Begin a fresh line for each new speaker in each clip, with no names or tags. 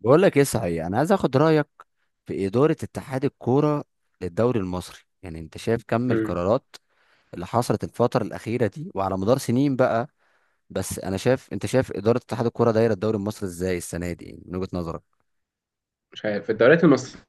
بقول لك ايه صحيح، انا عايز اخد رايك في اداره اتحاد الكوره للدوري المصري. يعني انت شايف كم
مم.
القرارات اللي حصلت الفتره الاخيره دي وعلى مدار سنين بقى؟ بس انا شايف، انت شايف اداره اتحاد الكوره دايره الدوري المصري ازاي السنه دي، يعني من وجهه نظرك؟
مش عارف الدوريات المصرية.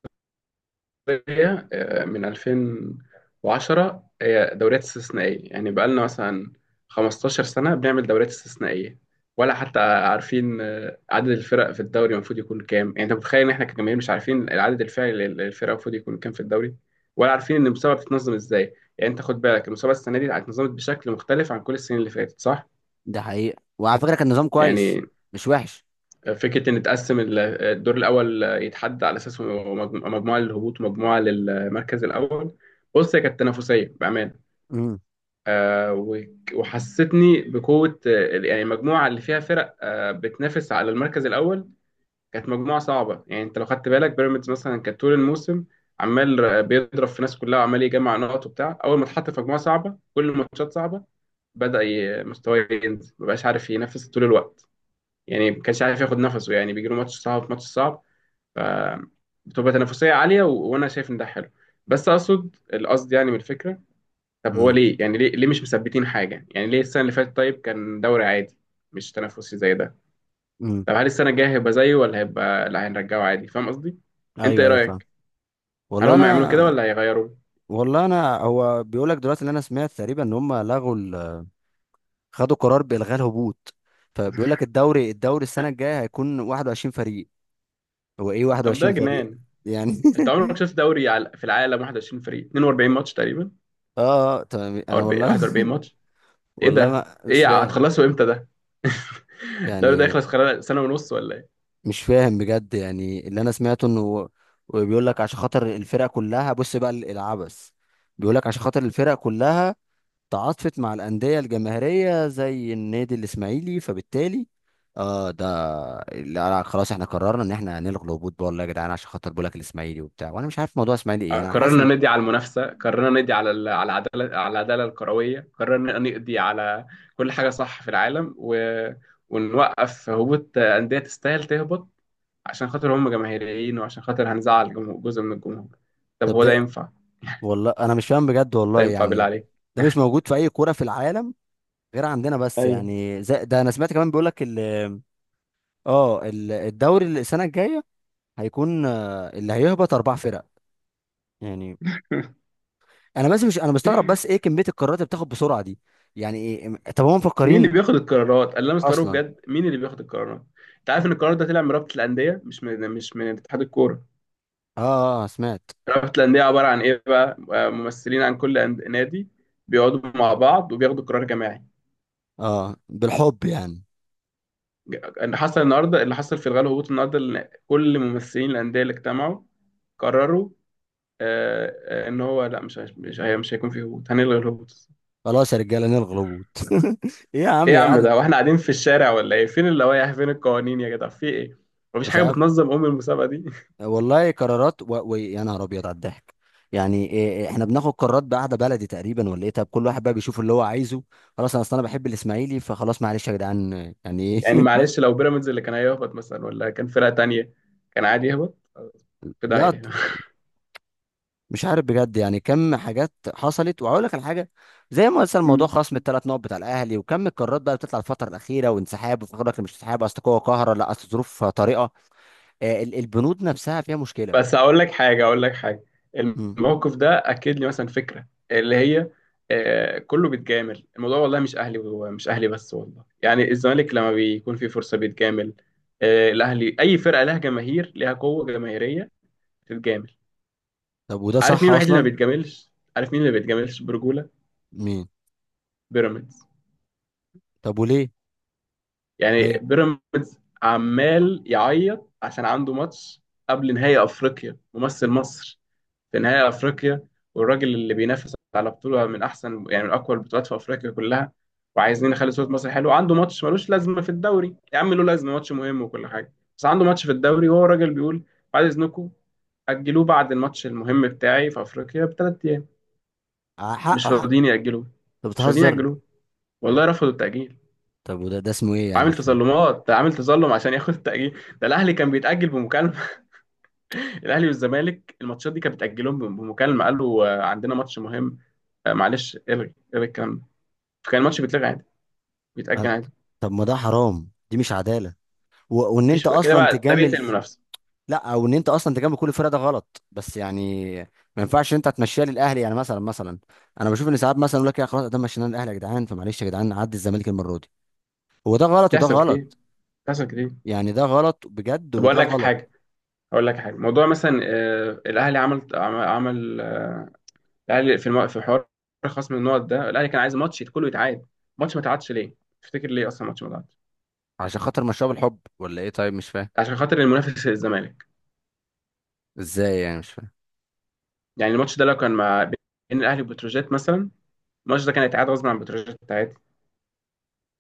من 2010 هي دوريات استثنائية، يعني بقالنا مثلا 15 سنة بنعمل دوريات استثنائية. ولا حتى عارفين عدد الفرق في الدوري المفروض يكون كام. يعني انت متخيل ان احنا كجماهير مش عارفين العدد الفعلي للفرق المفروض يكون كام في الدوري؟ ولا عارفين ان المسابقة بتتنظم ازاي. يعني انت خد بالك، المسابقة السنة دي اتنظمت بشكل مختلف عن كل السنين اللي فاتت، صح؟
ده حقيقة وعلى فكره كان نظام كويس،
يعني
مش وحش.
فكرة إن تقسم الدور الأول يتحدى على أساس مجموعة للهبوط ومجموعة للمركز الأول. بص، هي كانت تنافسية بأمانة.
امم،
وحسيتني بقوة. يعني المجموعة اللي فيها فرق بتنافس على المركز الأول كانت مجموعة صعبة. يعني أنت لو خدت بالك، بيراميدز مثلا كانت طول الموسم عمال بيضرب في ناس كلها، وعمال يجمع نقط وبتاع. أول ما اتحط في مجموعة صعبة كل الماتشات صعبة، بدأ مستواه ينزل، مبقاش عارف ينافس طول الوقت. يعني ما كانش عارف ياخد نفسه، يعني بيجيله ماتش صعب ماتش صعب، فبتبقى تنافسية عالية. وأنا شايف إن ده حلو. بس أقصد القصد يعني من الفكرة: طب هو
امم،
ليه، يعني ليه مش مثبتين حاجة؟ يعني ليه السنة اللي فاتت طيب كان دوري عادي مش تنافسي زي ده؟
امم.
طب هل السنة الجاية هيبقى زيه ولا هيبقى لا هنرجعه عادي؟ فاهم قصدي؟ أنت
ايوه،
إيه
ايوه، فاهم.
رأيك؟ هل
والله
هم يعملوا كده
انا
ولا هيغيروا؟
والله انا هو بيقول لك دلوقتي اللي انا سمعت تقريبا ان هم لغوا، خدوا قرار بالغاء الهبوط. فبيقول لك الدوري السنه الجايه هيكون 21 فريق. هو ايه
طب ده
21 فريق؟
جنان.
يعني
أنت عمرك شفت دوري في العالم 21 فريق، 42 ماتش تقريبا
اه، اه، تمام،
أو
انا والله
41 ماتش؟ إيه
والله
ده،
ما مش
إيه،
فاهم.
هتخلصوا إمتى ده؟ الدوري ده
يعني
يخلص خلال سنة ونص ولا إيه؟
مش فاهم بجد، يعني اللي انا سمعته انه بيقول لك عشان خاطر الفرق كلها، بص بقى العبث. بيقول لك عشان خاطر الفرق كلها تعاطفت مع الأندية الجماهيرية زي النادي الإسماعيلي، فبالتالي اه ده لا، لا، خلاص احنا قررنا ان احنا هنلغي الهبوط بقى، والله يا جدعان، عشان خاطر بقولك الإسماعيلي وبتاع، وانا مش عارف موضوع إسماعيلي ايه يعني، انا حاسس
قررنا
ان...
ندي على المنافسه، قررنا ندي على العداله، على العداله الكرويه، قررنا نقضي على كل حاجه صح في العالم. ونوقف هبوط انديه تستاهل تهبط عشان خاطر هم جماهيريين، وعشان خاطر هنزعل جزء من الجمهور. طب
طب
هو ده
ده،
ينفع؟
والله انا مش فاهم بجد
ده
والله
ينفع بالله
يعني.
عليك؟
ده مش موجود في اي كورة في العالم غير عندنا بس،
ايوه.
يعني زي ده. انا سمعت كمان بيقولك الدوري اللي السنة الجاية هيكون، اللي هيهبط اربع فرق. يعني انا بس، مش، انا مستغرب بس ايه كمية القرارات اللي بتاخد بسرعة دي، يعني ايه؟ طب هم
مين اللي
مفكرين
بياخد القرارات؟ اللي انا لا، مستغرب
اصلا؟
بجد، مين اللي بياخد القرارات؟ انت عارف ان القرار ده طلع من رابطه الانديه، مش من اتحاد الكوره.
اه، سمعت.
رابطة الأندية عبارة عن إيه بقى؟ ممثلين عن كل نادي، بيقعدوا مع بعض وبياخدوا قرار جماعي.
اه، بالحب يعني.
اللي حصل النهاردة، اللي حصل في الغالب هبوط النهاردة، إن كل ممثلين الأندية اللي اجتمعوا قرروا، آه، إن هو لا، مش هيش- مش هي- مش هيكون في هبوط، هنلغي الهبوط.
خلاص يا رجاله، نلغي الهبوط إيه يا عم
إيه يا
يا
عم
قعدة؟
ده؟ وإحنا قاعدين في الشارع ولا إيه؟ فين اللوائح؟ فين القوانين يا جدع؟ في إيه؟ مفيش
مش
حاجة
عارف.
بتنظم أم المسابقة دي؟
والله قرارات يا نهار ابيض على الضحك. يعني إيه، احنا بناخد قرارات بقعده بلدي تقريبا ولا ايه؟ طب كل واحد بقى بيشوف اللي هو عايزه. خلاص، انا اصل انا بحب الاسماعيلي، فخلاص معلش يا جدعان، يعني
يعني
ايه
معلش، لو بيراميدز اللي كان هيهبط مثلا ولا كان فرقة تانية كان عادي يهبط؟ في
لا،
داهية.
مش عارف بجد. يعني كم حاجات حصلت وهقول لك على حاجه، زي ما مثلا موضوع خصم الثلاث نقط بتاع الاهلي، وكم القرارات بقى بتطلع الفتره الاخيره، وانسحاب، وفاكر لك مش انسحاب، اصل قوه قاهره، لا اصل ظروف طارئه. البنود نفسها فيها مشكلة.
بس اقول لك حاجه، اقول لك حاجه،
مم.
الموقف ده اكد لي مثلا فكره اللي هي كله بيتجامل الموضوع. والله مش اهلي ومش اهلي بس، والله يعني الزمالك لما بيكون في فرصه بيتجامل. الاهلي، اي فرقه لها جماهير لها قوه جماهيريه بتتجامل.
طب وده
عارف
صح
مين الوحيد اللي ما
أصلا؟
بيتجاملش؟ عارف مين اللي ما بيتجاملش برجوله؟
مين؟
بيراميدز.
طب وليه؟ ما
يعني
يج-
بيراميدز عمال يعيط عشان عنده ماتش قبل نهائي افريقيا، ممثل مصر في نهائي افريقيا، والراجل اللي بينافس على بطوله من احسن، يعني من اقوى البطولات في افريقيا كلها، وعايزين نخلي صوره مصر حلوه. عنده ماتش ملوش لازمه في الدوري، يا عم له لازمه ماتش مهم وكل حاجه، بس عنده ماتش في الدوري. وهو الراجل بيقول: بعد اذنكم، اجلوه بعد الماتش المهم بتاعي في افريقيا بثلاث ايام.
ع- حق،
مش
حق.
راضيين ياجلوه،
طب
مش راضيين
بتهزر؟
ياجلوه. والله رفضوا التاجيل.
طب، وده، ده اسمه إيه يعني،
عامل
مش فاهم.
تظلمات، ده عامل تظلم عشان ياخد التاجيل. ده الاهلي كان بيتاجل بمكالمه. الاهلي والزمالك الماتشات دي كانت بتاجلهم بمكالمه. قالوا عندنا ماتش مهم، معلش الغي الغي الكلام ده، فكان الماتش بيتلغى عادي، بيتاجل
آه،
عادي.
طب ما ده حرام، دي مش عدالة، وإن أنت
مفيش كده
أصلا
بقى، ده بيقتل
تجامل.
المنافسه.
لا، أو إن أنت أصلا تجامل كل الفرق، ده غلط، بس يعني ما ينفعش أنت تمشيها للأهلي. يعني مثلا، مثلا أنا بشوف إن ساعات مثلا يقول لك يا خلاص ده مشيناه للأهلي يا جدعان، فمعلش يا جدعان عدي الزمالك المرة دي. هو ده غلط وده
بتحصل كتير،
غلط،
بتحصل كتير.
يعني ده غلط بجد
طب
وده
اقول لك
غلط.
حاجه، اقول لك حاجه، موضوع مثلا الاهلي الاهلي في في حوار خصم النقط ده. الاهلي كان عايز ماتش كله يتعاد. ماتش ما اتعادش ليه؟ تفتكر ليه اصلا ماتش ما اتعادش؟
عشان خاطر مشاه بالحب ولا إيه؟ طيب مش فاهم.
عشان خاطر المنافس الزمالك.
ازاي يعني، مش فاهم.
يعني الماتش ده لو كان مع، بين الاهلي وبتروجيت مثلا، الماتش ده كان هيتعاد غصب عن بتروجيت عادي،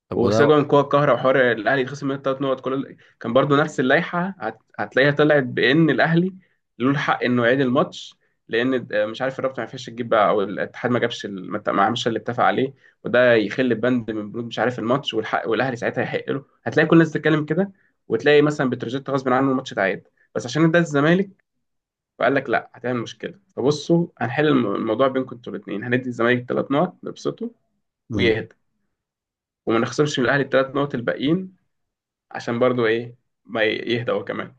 طب وده
وسجوا من قوى القاهره، وحوار الاهلي يتخصم منه ثلاث نقط، كان برضو نفس اللائحه، هتلاقيها طلعت بان الاهلي له الحق انه يعيد الماتش. لان مش عارف الرابطه ما عرفتش تجيب بقى، او الاتحاد ما جابش ما عملش اللي اتفق عليه، وده يخل بند من بنود مش عارف الماتش والحق. والاهلي ساعتها يحق له، هتلاقي كل الناس بتتكلم كده، وتلاقي مثلا بتروجيت غصب عنه الماتش اتعاد. بس عشان ده الزمالك، فقال لك لا هتعمل مشكله، فبصوا هنحل الموضوع بينكم انتوا الاثنين، هندي الزمالك ثلاث نقط نبسطه
مم.
ويهدى، وما نخسرش من الاهلي الثلاث نقط الباقيين، عشان برضو ايه، ما ي- يهدى هو كمان.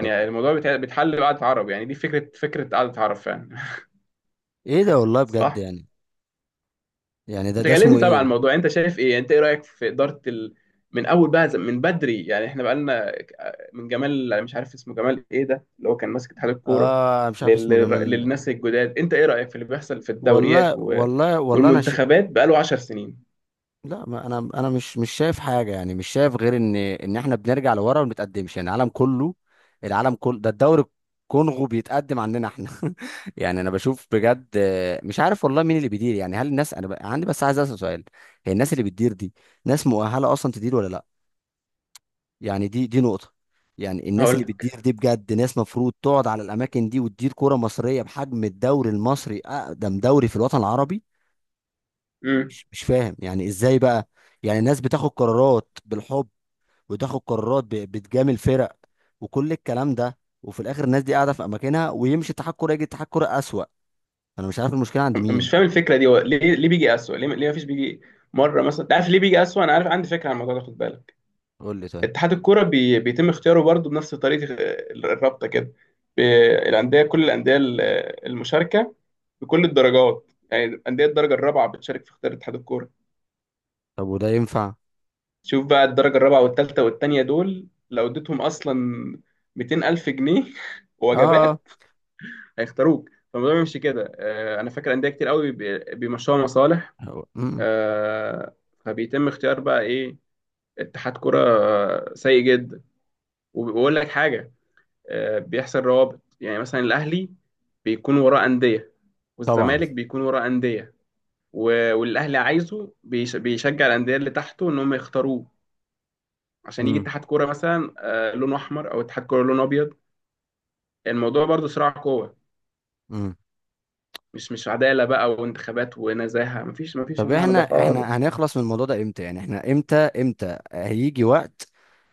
طب،
الموضوع بيتحل بقعدة عرب. يعني دي فكرة قعدة عرب فعلا.
ايه ده، والله بجد
صح.
يعني. يعني ده
انت
ده
كلمني
اسمه
طبعا عن
ايه؟
الموضوع، انت شايف ايه، انت ايه رأيك في إدارة من اول بقى، من بدري، يعني احنا بقالنا من جمال، مش عارف اسمه جمال ايه، ده اللي هو كان ماسك اتحاد الكورة
اه، مش عارف
لل...
اسمه جمال.
للناس الجداد، انت ايه رأيك في اللي بيحصل في
والله،
الدوريات
والله، والله انا
والمنتخبات بقاله 10 سنين؟
لا، ما انا مش شايف حاجه، يعني مش شايف غير ان احنا بنرجع لورا وما بنتقدمش. يعني العالم كله، العالم كله ده الدوري. الكونغو بيتقدم عننا احنا يعني انا بشوف بجد، مش عارف والله مين اللي بيدير، يعني هل الناس، عندي بس عايز اسال سؤال. هي الناس اللي بتدير دي ناس مؤهله اصلا تدير ولا لا؟ يعني دي نقطة. يعني الناس اللي
هقول
بتدير دي بجد ناس مفروض تقعد على الأماكن دي وتدير كرة مصرية بحجم الدوري المصري، أقدم دوري في الوطن العربي.
لك،
مش فاهم يعني إزاي بقى. يعني الناس بتاخد قرارات بالحب، وتاخد قرارات بتجامل فرق، وكل الكلام ده، وفي الآخر الناس دي قاعدة في أماكنها، ويمشي اتحاد كورة يجي اتحاد كورة أسوأ. أنا مش عارف المشكلة عند
مش فاهم
مين.
الفكره دي. هو ليه بيجي اسوأ؟ ليه مفيش بيجي مره مثلا؟ انت عارف ليه بيجي اسوأ؟ انا عارف، عندي فكره عن الموضوع ده، خد بالك.
قول لي طيب.
اتحاد الكوره بيتم اختياره برضه بنفس طريقه الرابطه كده. ب... الانديه، كل المشاركه بكل الدرجات، يعني انديه الدرجه الرابعه بتشارك في اختيار اتحاد الكوره.
طب وده ينفع؟
شوف بقى، الدرجه الرابعه والثالثه والثانيه دول لو اديتهم اصلا 200 الف جنيه
آه.
وجبات هيختاروك. فالموضوع بيمشي كده. انا فاكر انديه كتير قوي بيمشوها مصالح.
مم.
آه، فبيتم اختيار بقى ايه؟ اتحاد كرة سيء جدا. وبقول لك حاجة، بيحصل روابط. يعني مثلا الأهلي بيكون وراه أندية،
طبعا.
والزمالك بيكون وراه أندية. والأهلي عايزه، بيشجع الأندية اللي تحته إن هم يختاروه، عشان يجي
مم.
اتحاد كرة مثلا لونه أحمر، أو اتحاد كرة لونه أبيض. الموضوع برضه صراع قوة.
مم.
مش عدالة بقى، وانتخابات ونزاهة، مفيش
طب،
المعنى ده
احنا
خالص.
هنخلص من الموضوع ده امتى؟ يعني احنا، امتى هيجي وقت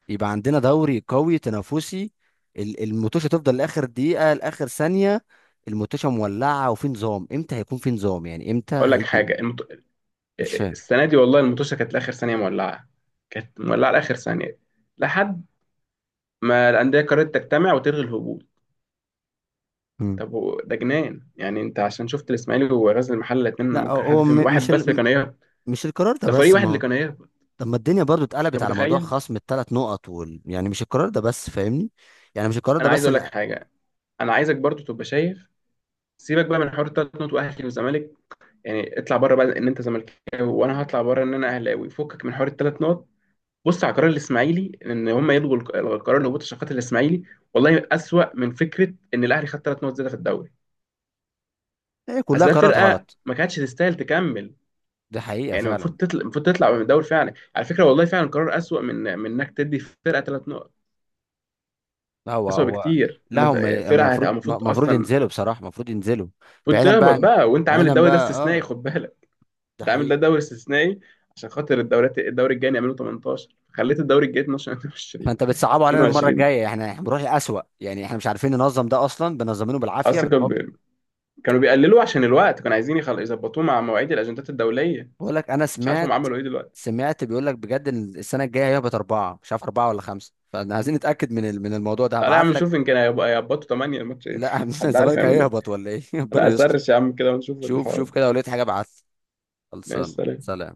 يبقى عندنا دوري قوي تنافسي، الموتوشة تفضل لاخر دقيقة لاخر ثانية، الموتوشة مولعة، وفي نظام؟ امتى هيكون في نظام؟ يعني امتى
أقول لك
هيجي؟
حاجة،
مش فاهم.
السنه دي والله المطوشه كانت لاخر ثانيه مولعه، كانت مولعه لاخر ثانيه لحد ما الانديه قررت تجتمع وتلغي الهبوط.
مم.
طب ده جنان. يعني انت عشان شفت الاسماعيلي وغزل المحله، الاثنين
لا
ممكن حد
هو
فيهم،
م- مش
واحد بس
ال...
اللي
م-
كان هيهبط،
مش القرار ده
ده فريق
بس
واحد اللي
ما.
كان هيهبط.
طب ما الدنيا برضو اتقلبت
انت
على موضوع
متخيل؟
خصم الثلاث نقط يعني مش القرار ده بس، فاهمني؟ يعني مش القرار ده
انا عايز
بس
اقول لك
اللي...
حاجه، انا عايزك برضو تبقى شايف. سيبك بقى من حوار التلات نقط واهلي وزمالك، يعني اطلع بره بقى ان انت زملكاوي، وانا هطلع بره ان انا اهلاوي، فكك من حوار التلات نقط. بص على قرار الاسماعيلي ان هم يلغوا القرار اللي هبوط الشقات الاسماعيلي. والله اسوأ من فكره ان الاهلي خد ثلاث نقط زياده في الدوري.
هي كلها
اصل ده
قرارات
فرقه
غلط.
ما كانتش تستاهل تكمل.
دي حقيقة
يعني
فعلا.
المفروض تطلع، المفروض تطلع من الدوري فعلا على فكره. والله فعلا قرار اسوأ من انك تدي فرقه ثلاث نقط.
لا هو
اسوأ
هو
بكتير
لا،
ان
هم
فرقه هتبقى
المفروض
المفروض
المفروض
اصلا،
ينزلوا بصراحة، المفروض ينزلوا.
المفروض
بعيدا بقى
تهبط
عن-
بقى، وانت عامل
بعيدا
الدوري ده
بقى،
استثنائي. خد بالك،
ده
انت عامل ده
حقيقي.
دوري استثنائي عشان خاطر الدوريات. الدوري الجاي يعملوا 18، خليت الدوري الجاي 12، 22،
فانت بتصعبوا علينا المرة
22
الجاية، احنا بنروح الأسوأ، يعني احنا مش عارفين ننظم ده اصلا، بنظمينه بالعافية،
اصلا.
بالحب.
كانوا بيقللوا عشان الوقت، كانوا عايزين يظبطوه مع مواعيد الاجندات الدوليه.
بقول لك انا
مش عارف هم
سمعت
عملوا ايه دلوقتي.
سمعت بيقول لك بجد ان السنة الجاية هيهبط أربعة، مش عارف أربعة ولا خمسة، فاحنا عايزين نتأكد من من الموضوع ده.
تعالى يا عم
هبعت لك.
نشوف، يمكن هيظبطوا 8 الماتشين.
لا
حد عارف
الزمالك
يعملوا ايه.
هيهبط ولا ايه ربنا
انا
يستر.
هسرش يا عم كده ونشوف
شوف،
الحوار
شوف
ده.
كده، لو لقيت حاجة ابعت لي.
ماشي
خلصان،
سلام.
سلام.